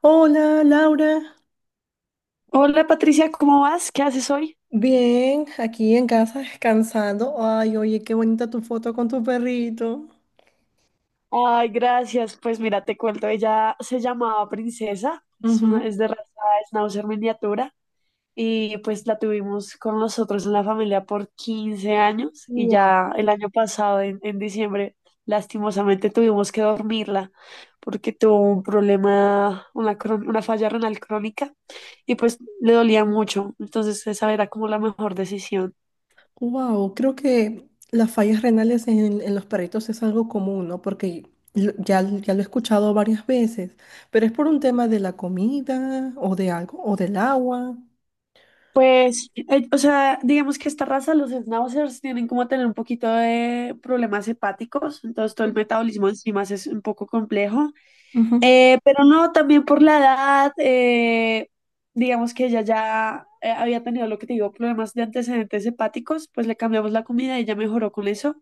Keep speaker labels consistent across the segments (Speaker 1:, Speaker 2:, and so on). Speaker 1: Hola, Laura.
Speaker 2: Hola Patricia, ¿cómo vas? ¿Qué haces hoy?
Speaker 1: Bien, aquí en casa descansando. Ay, oye, qué bonita tu foto con tu perrito.
Speaker 2: Ay, gracias. Pues mira, te cuento, ella se llamaba Princesa, es,
Speaker 1: Ujú.
Speaker 2: es de raza Schnauzer miniatura y pues la tuvimos con nosotros en la familia por 15 años y
Speaker 1: Wow,
Speaker 2: ya el año pasado, en diciembre, lastimosamente tuvimos que dormirla porque tuvo un problema, una falla renal crónica y pues le dolía mucho. Entonces esa era como la mejor decisión.
Speaker 1: wow. Creo que las fallas renales en los perritos es algo común, ¿no? Porque ya, ya lo he escuchado varias veces, pero es por un tema de la comida o de algo, o del agua.
Speaker 2: Pues, o sea, digamos que esta raza, los schnauzers, tienen como tener un poquito de problemas hepáticos, entonces todo el metabolismo de enzimas es un poco complejo.
Speaker 1: Ujú.
Speaker 2: Pero no, también por la edad, digamos que ella ya había tenido lo que te digo, problemas de antecedentes hepáticos, pues le cambiamos la comida y ella mejoró con eso.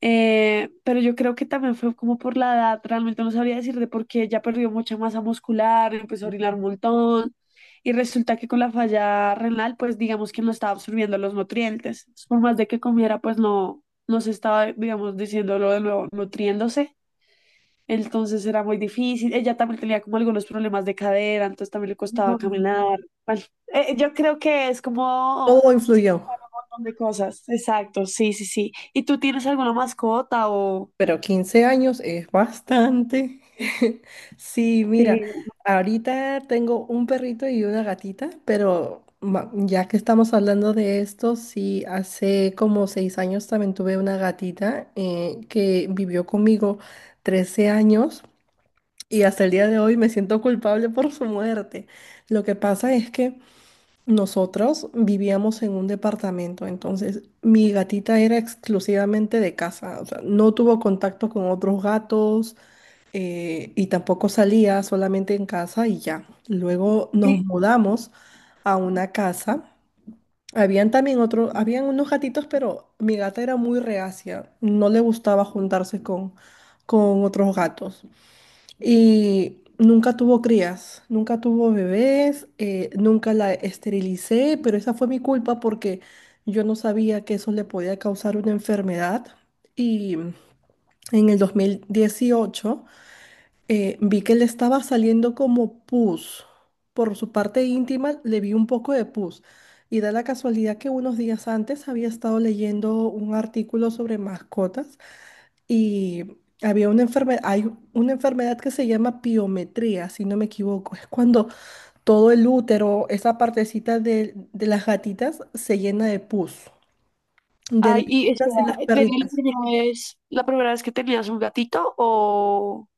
Speaker 2: Pero yo creo que también fue como por la edad, realmente no sabría decir de por qué ya perdió mucha masa muscular, empezó a orinar un montón y resulta que con la falla renal, pues digamos que no estaba absorbiendo los nutrientes. Entonces, por más de que comiera, pues no, no se estaba, digamos, diciéndolo de nuevo, nutriéndose. Entonces era muy difícil. Ella también tenía como algunos problemas de cadera, entonces también le costaba
Speaker 1: Wow.
Speaker 2: caminar. Bueno, yo creo que es como
Speaker 1: Todo
Speaker 2: se
Speaker 1: influyó.
Speaker 2: juntaron un montón de cosas. Exacto, sí, sí, sí. ¿Y tú tienes alguna mascota o...?
Speaker 1: Pero 15 años es bastante. Sí, mira,
Speaker 2: Sí.
Speaker 1: ahorita tengo un perrito y una gatita, pero ya que estamos hablando de esto, sí, hace como 6 años también tuve una gatita que vivió conmigo 13 años y hasta el día de hoy me siento culpable por su muerte. Lo que pasa es que... Nosotros vivíamos en un departamento, entonces mi gatita era exclusivamente de casa, o sea, no tuvo contacto con otros gatos y tampoco salía solamente en casa y ya. Luego nos
Speaker 2: Y-
Speaker 1: mudamos a una casa. Habían también otros, habían unos gatitos, pero mi gata era muy reacia, no le gustaba juntarse con otros gatos. Y nunca tuvo crías, nunca tuvo bebés, nunca la esterilicé, pero esa fue mi culpa porque yo no sabía que eso le podía causar una enfermedad. Y en el 2018 vi que le estaba saliendo como pus. Por su parte íntima le vi un poco de pus. Y da la casualidad que unos días antes había estado leyendo un artículo sobre mascotas y había una enfermedad, hay una enfermedad que se llama piometría, si no me equivoco. Es cuando todo el útero, esa partecita de las gatitas, se llena de pus. De las
Speaker 2: Ay, y espera,
Speaker 1: gatitas y las
Speaker 2: ¿era
Speaker 1: perritas.
Speaker 2: la primera vez que tenías un gatito o...?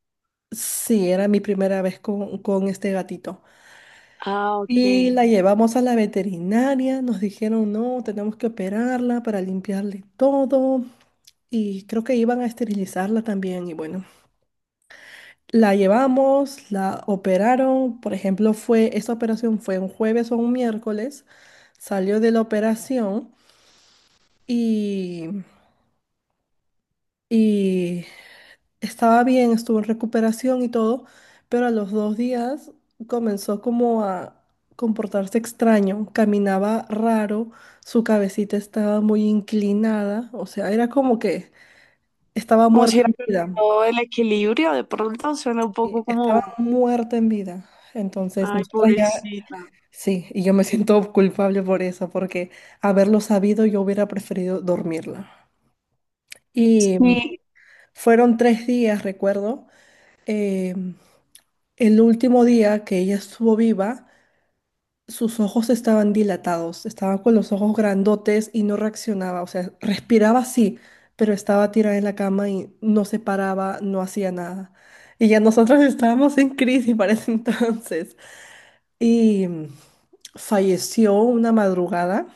Speaker 1: Sí, era mi primera vez con este gatito.
Speaker 2: Ah,
Speaker 1: Y
Speaker 2: ok.
Speaker 1: la llevamos a la veterinaria, nos dijeron, no, tenemos que operarla para limpiarle todo. Y creo que iban a esterilizarla también. Y bueno, la llevamos, la operaron, por ejemplo, esa operación fue un jueves o un miércoles, salió de la operación y, y estaba bien, estuvo en recuperación y todo, pero a los 2 días comenzó como a comportarse extraño, caminaba raro, su cabecita estaba muy inclinada, o sea, era como que estaba
Speaker 2: Como
Speaker 1: muerta
Speaker 2: si
Speaker 1: en
Speaker 2: hubiera
Speaker 1: vida,
Speaker 2: perdido el equilibrio, de pronto suena un
Speaker 1: y
Speaker 2: poco
Speaker 1: estaba
Speaker 2: como...
Speaker 1: muerta en vida. Entonces,
Speaker 2: Ay,
Speaker 1: nosotros ya.
Speaker 2: pobrecita.
Speaker 1: Sí, y yo me siento culpable por eso, porque haberlo sabido yo hubiera preferido dormirla. Y
Speaker 2: Sí.
Speaker 1: fueron 3 días, recuerdo. eh, el último día que ella estuvo viva, sus ojos estaban dilatados, estaba con los ojos grandotes y no reaccionaba, o sea, respiraba sí, pero estaba tirada en la cama y no se paraba, no hacía nada. Y ya nosotros estábamos en crisis para ese entonces. Y falleció una madrugada.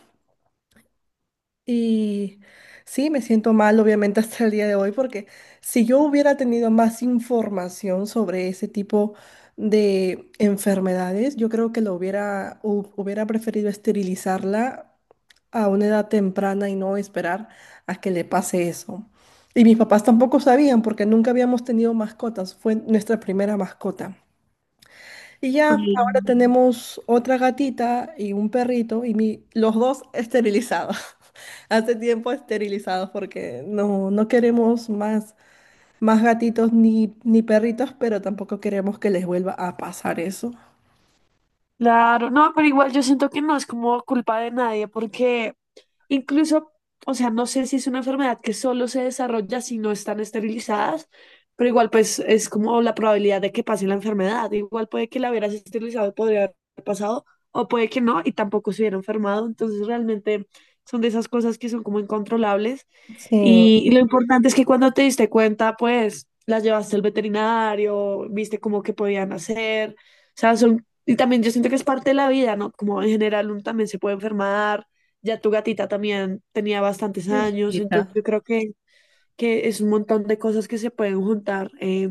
Speaker 1: Y sí, me siento mal, obviamente, hasta el día de hoy, porque si yo hubiera tenido más información sobre ese tipo de enfermedades, yo creo que hubiera preferido esterilizarla a una edad temprana y no esperar a que le pase eso. Y mis papás tampoco sabían porque nunca habíamos tenido mascotas, fue nuestra primera mascota. Y ya, ahora
Speaker 2: Mm.
Speaker 1: tenemos otra gatita y un perrito y los dos esterilizados. Hace tiempo esterilizados porque no, no queremos más, más gatitos ni perritos, pero tampoco queremos que les vuelva a pasar eso.
Speaker 2: Claro, no, pero igual yo siento que no es como culpa de nadie, porque incluso, o sea, no sé si es una enfermedad que solo se desarrolla si no están esterilizadas, pero igual pues es como la probabilidad de que pase la enfermedad. Igual puede que la hubieras esterilizado y podría haber pasado, o puede que no y tampoco se hubiera enfermado. Entonces realmente son de esas cosas que son como incontrolables.
Speaker 1: Sí,
Speaker 2: Y lo importante es que cuando te diste cuenta, pues las llevaste al veterinario, viste cómo que podían hacer. O sea, son, y también yo siento que es parte de la vida, ¿no? Como en general uno también se puede enfermar. Ya tu gatita también tenía bastantes años, entonces
Speaker 1: hijita.
Speaker 2: yo creo que es un montón de cosas que se pueden juntar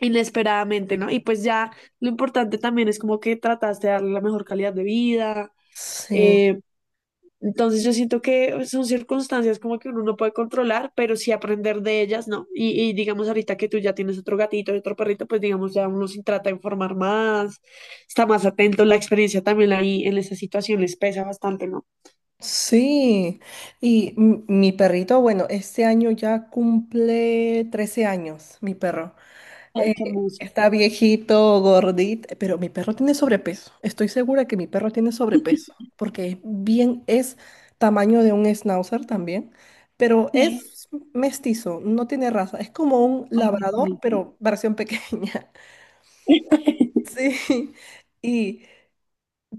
Speaker 2: inesperadamente, ¿no? Y pues ya lo importante también es como que trataste de darle la mejor calidad de vida.
Speaker 1: Sí,
Speaker 2: Eh, entonces yo siento que son circunstancias como que uno no puede controlar, pero sí aprender de ellas, ¿no? Y digamos ahorita que tú ya tienes otro gatito y otro perrito, pues digamos ya uno se trata de informar más, está más atento, la experiencia también ahí en esas situaciones pesa bastante, ¿no?
Speaker 1: sí. Y mi perrito, bueno, este año ya cumple 13 años, mi perro.
Speaker 2: Ay,
Speaker 1: Eh,
Speaker 2: qué hermoso.
Speaker 1: Está viejito, gordito, pero mi perro tiene sobrepeso. Estoy segura que mi perro tiene sobrepeso, porque bien es tamaño de un schnauzer también, pero
Speaker 2: Sí,
Speaker 1: es mestizo, no tiene raza. Es como un
Speaker 2: ay,
Speaker 1: labrador,
Speaker 2: ay, ay.
Speaker 1: pero versión pequeña. Sí, y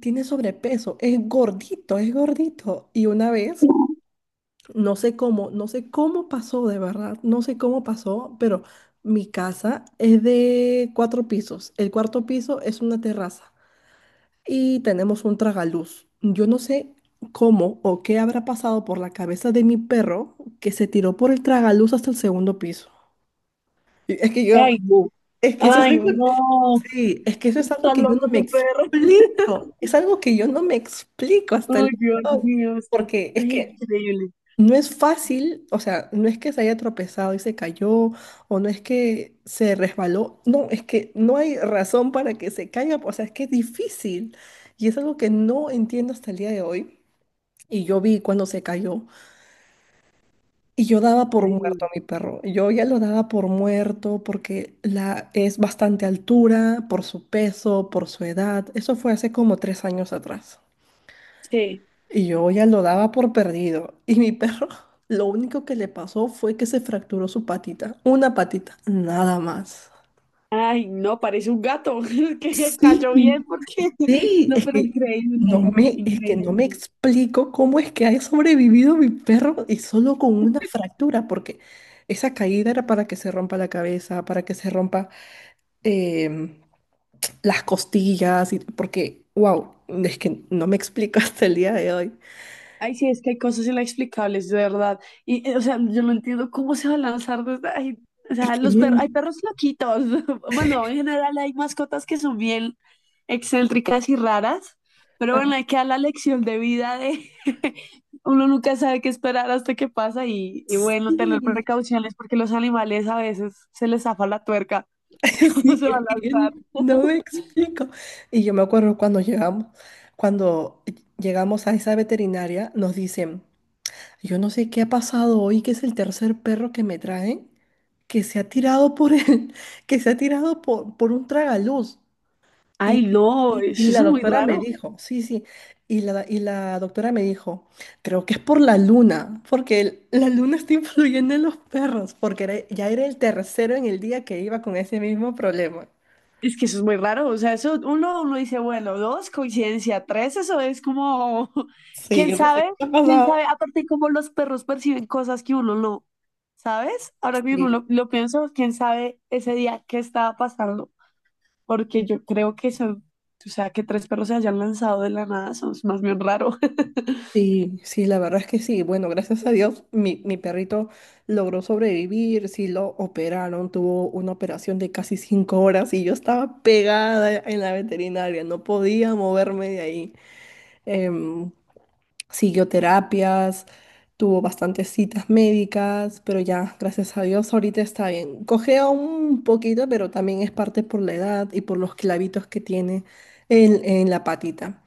Speaker 1: tiene sobrepeso, es gordito, es gordito. Y una vez no sé cómo, no sé cómo pasó, de verdad, no sé cómo pasó, pero mi casa es de 4 pisos. El cuarto piso es una terraza y tenemos un tragaluz. Yo no sé cómo o qué habrá pasado por la cabeza de mi perro que se tiró por el tragaluz hasta el segundo piso. Y es que yo,
Speaker 2: Ay, no.
Speaker 1: es que eso es
Speaker 2: Ay,
Speaker 1: algo,
Speaker 2: no.
Speaker 1: sí, es que eso es algo
Speaker 2: Está
Speaker 1: que yo no
Speaker 2: loco
Speaker 1: me
Speaker 2: tu perro.
Speaker 1: explico. Es algo que yo no me explico hasta el
Speaker 2: Ay,
Speaker 1: día
Speaker 2: Dios
Speaker 1: de hoy,
Speaker 2: mío.
Speaker 1: porque es
Speaker 2: Ay,
Speaker 1: que
Speaker 2: increíble.
Speaker 1: no es fácil, o sea, no es que se haya tropezado y se cayó, o no es que se resbaló, no, es que no hay razón para que se caiga, o sea, es que es difícil. Y es algo que no entiendo hasta el día de hoy. Y yo vi cuando se cayó, y yo daba por
Speaker 2: Ay,
Speaker 1: muerto a
Speaker 2: no.
Speaker 1: mi perro. Yo ya lo daba por muerto porque la, es bastante altura, por su peso, por su edad. Eso fue hace como 3 años atrás.
Speaker 2: Sí.
Speaker 1: Y yo ya lo daba por perdido. Y mi perro, lo único que le pasó fue que se fracturó su patita. Una patita, nada más.
Speaker 2: Ay, no, parece un gato. Es que cayó bien
Speaker 1: Sí,
Speaker 2: porque,
Speaker 1: sí,
Speaker 2: no,
Speaker 1: es
Speaker 2: pero
Speaker 1: que no
Speaker 2: increíble,
Speaker 1: me, es que no me
Speaker 2: increíble.
Speaker 1: explico cómo es que ha sobrevivido mi perro y solo con una fractura, porque esa caída era para que se rompa la cabeza, para que se rompa em, las costillas, y, porque, wow, es que no me explico hasta el día de hoy.
Speaker 2: Ay, sí, es que hay cosas inexplicables, de verdad. Y, o sea, yo no entiendo cómo se va a lanzar desde ahí. O
Speaker 1: Es
Speaker 2: sea,
Speaker 1: que
Speaker 2: los
Speaker 1: no,
Speaker 2: perros, hay perros loquitos. Bueno, en general hay mascotas que son bien excéntricas y raras, pero
Speaker 1: ah,
Speaker 2: bueno, hay que dar la lección de vida de uno nunca sabe qué esperar hasta que pasa y bueno, tener
Speaker 1: sí,
Speaker 2: precauciones porque los animales a veces se les zafa la tuerca.
Speaker 1: sí,
Speaker 2: ¿Cómo se va
Speaker 1: es
Speaker 2: a
Speaker 1: que yo
Speaker 2: lanzar?
Speaker 1: no me explico. Y yo me acuerdo cuando llegamos, a esa veterinaria, nos dicen, yo no sé qué ha pasado hoy, que es el tercer perro que me traen, que se ha tirado por el, que se ha tirado por un tragaluz. Y,
Speaker 2: Ay, no,
Speaker 1: y
Speaker 2: eso es
Speaker 1: la
Speaker 2: muy
Speaker 1: doctora me
Speaker 2: raro.
Speaker 1: dijo, sí, sí, y la doctora me dijo, creo que es por la luna, porque la luna está influyendo en los perros, porque ya era el tercero en el día que iba con ese mismo problema.
Speaker 2: Es que eso es muy raro. O sea, eso uno, uno dice, bueno, dos, coincidencia, tres, eso es como,
Speaker 1: Sí,
Speaker 2: quién
Speaker 1: yo no sé
Speaker 2: sabe,
Speaker 1: qué te ha
Speaker 2: quién
Speaker 1: pasado.
Speaker 2: sabe, aparte cómo los perros perciben cosas que uno no, ¿sabes? Ahora mismo
Speaker 1: Sí,
Speaker 2: lo pienso, quién sabe ese día qué estaba pasando, porque yo creo que son, o sea, que tres perros se hayan lanzado de la nada, son es más bien raro.
Speaker 1: sí, sí, la verdad es que sí. Bueno, gracias a Dios, mi perrito logró sobrevivir, sí lo operaron, tuvo una operación de casi 5 horas y yo estaba pegada en la veterinaria, no podía moverme de ahí. Em, Siguió terapias, tuvo bastantes citas médicas, pero ya, gracias a Dios, ahorita está bien. Cojea un poquito, pero también es parte por la edad y por los clavitos que tiene en la patita.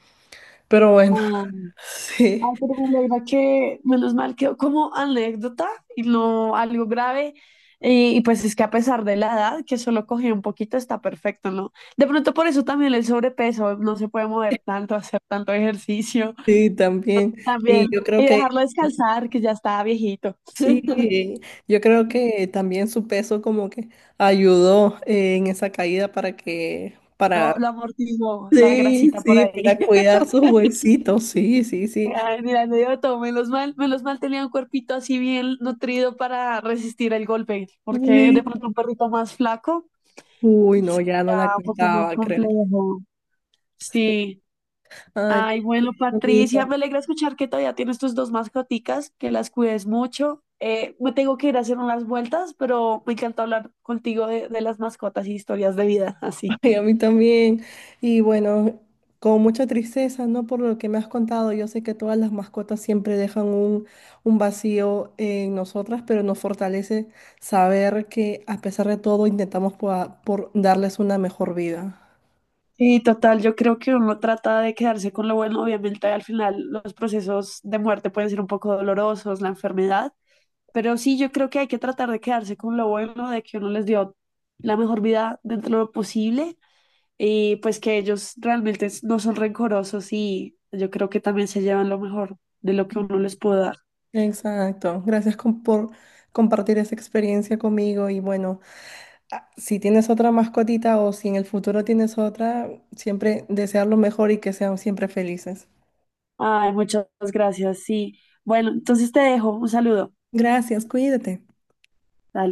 Speaker 1: Pero bueno, sí,
Speaker 2: Ay, pero me alegra que menos mal quedó como anécdota y no algo grave. Y pues es que a pesar de la edad, que solo cogió un poquito, está perfecto, ¿no? De pronto por eso también el sobrepeso, no se puede mover tanto, hacer tanto ejercicio
Speaker 1: sí, también.
Speaker 2: también.
Speaker 1: Y yo creo
Speaker 2: Y
Speaker 1: que
Speaker 2: dejarlo descansar, que ya está viejito.
Speaker 1: sí, yo creo que también su peso como que ayudó en esa caída para que,
Speaker 2: Lo,
Speaker 1: para,
Speaker 2: lo amortiguó la
Speaker 1: sí,
Speaker 2: grasita por
Speaker 1: sí,
Speaker 2: ahí.
Speaker 1: para cuidar sus huesitos, sí, sí, sí.
Speaker 2: Ay, mira, me dio todo. Menos mal tenía un cuerpito así bien nutrido para resistir el golpe, porque de
Speaker 1: Sí.
Speaker 2: pronto un perrito más flaco.
Speaker 1: Uy,
Speaker 2: Ya,
Speaker 1: no, ya no la
Speaker 2: un poco más
Speaker 1: cuidaba, creo.
Speaker 2: complejo. Sí.
Speaker 1: Ay,
Speaker 2: Ay, bueno,
Speaker 1: pues, mi
Speaker 2: Patricia,
Speaker 1: hijo.
Speaker 2: me alegra escuchar que todavía tienes tus dos mascoticas, que las cuides mucho. Me tengo que ir a hacer unas vueltas, pero me encanta hablar contigo de las mascotas y historias de vida, así.
Speaker 1: Y a mí también. Y bueno, con mucha tristeza, ¿no? Por lo que me has contado, yo sé que todas las mascotas siempre dejan un vacío en nosotras, pero nos fortalece saber que a pesar de todo intentamos por darles una mejor vida.
Speaker 2: Sí, total, yo creo que uno trata de quedarse con lo bueno, obviamente al final los procesos de muerte pueden ser un poco dolorosos, la enfermedad, pero sí, yo creo que hay que tratar de quedarse con lo bueno, de que uno les dio la mejor vida dentro de lo posible. Y pues que ellos realmente no son rencorosos y yo creo que también se llevan lo mejor de lo que uno les puede dar.
Speaker 1: Exacto. Gracias por compartir esa experiencia conmigo. Y bueno, ah, si tienes otra mascotita o si en el futuro tienes otra, siempre desear lo mejor y que sean siempre felices.
Speaker 2: Ay, muchas gracias. Sí. Bueno, entonces te dejo. Un saludo.
Speaker 1: Gracias, cuídate.
Speaker 2: Dale.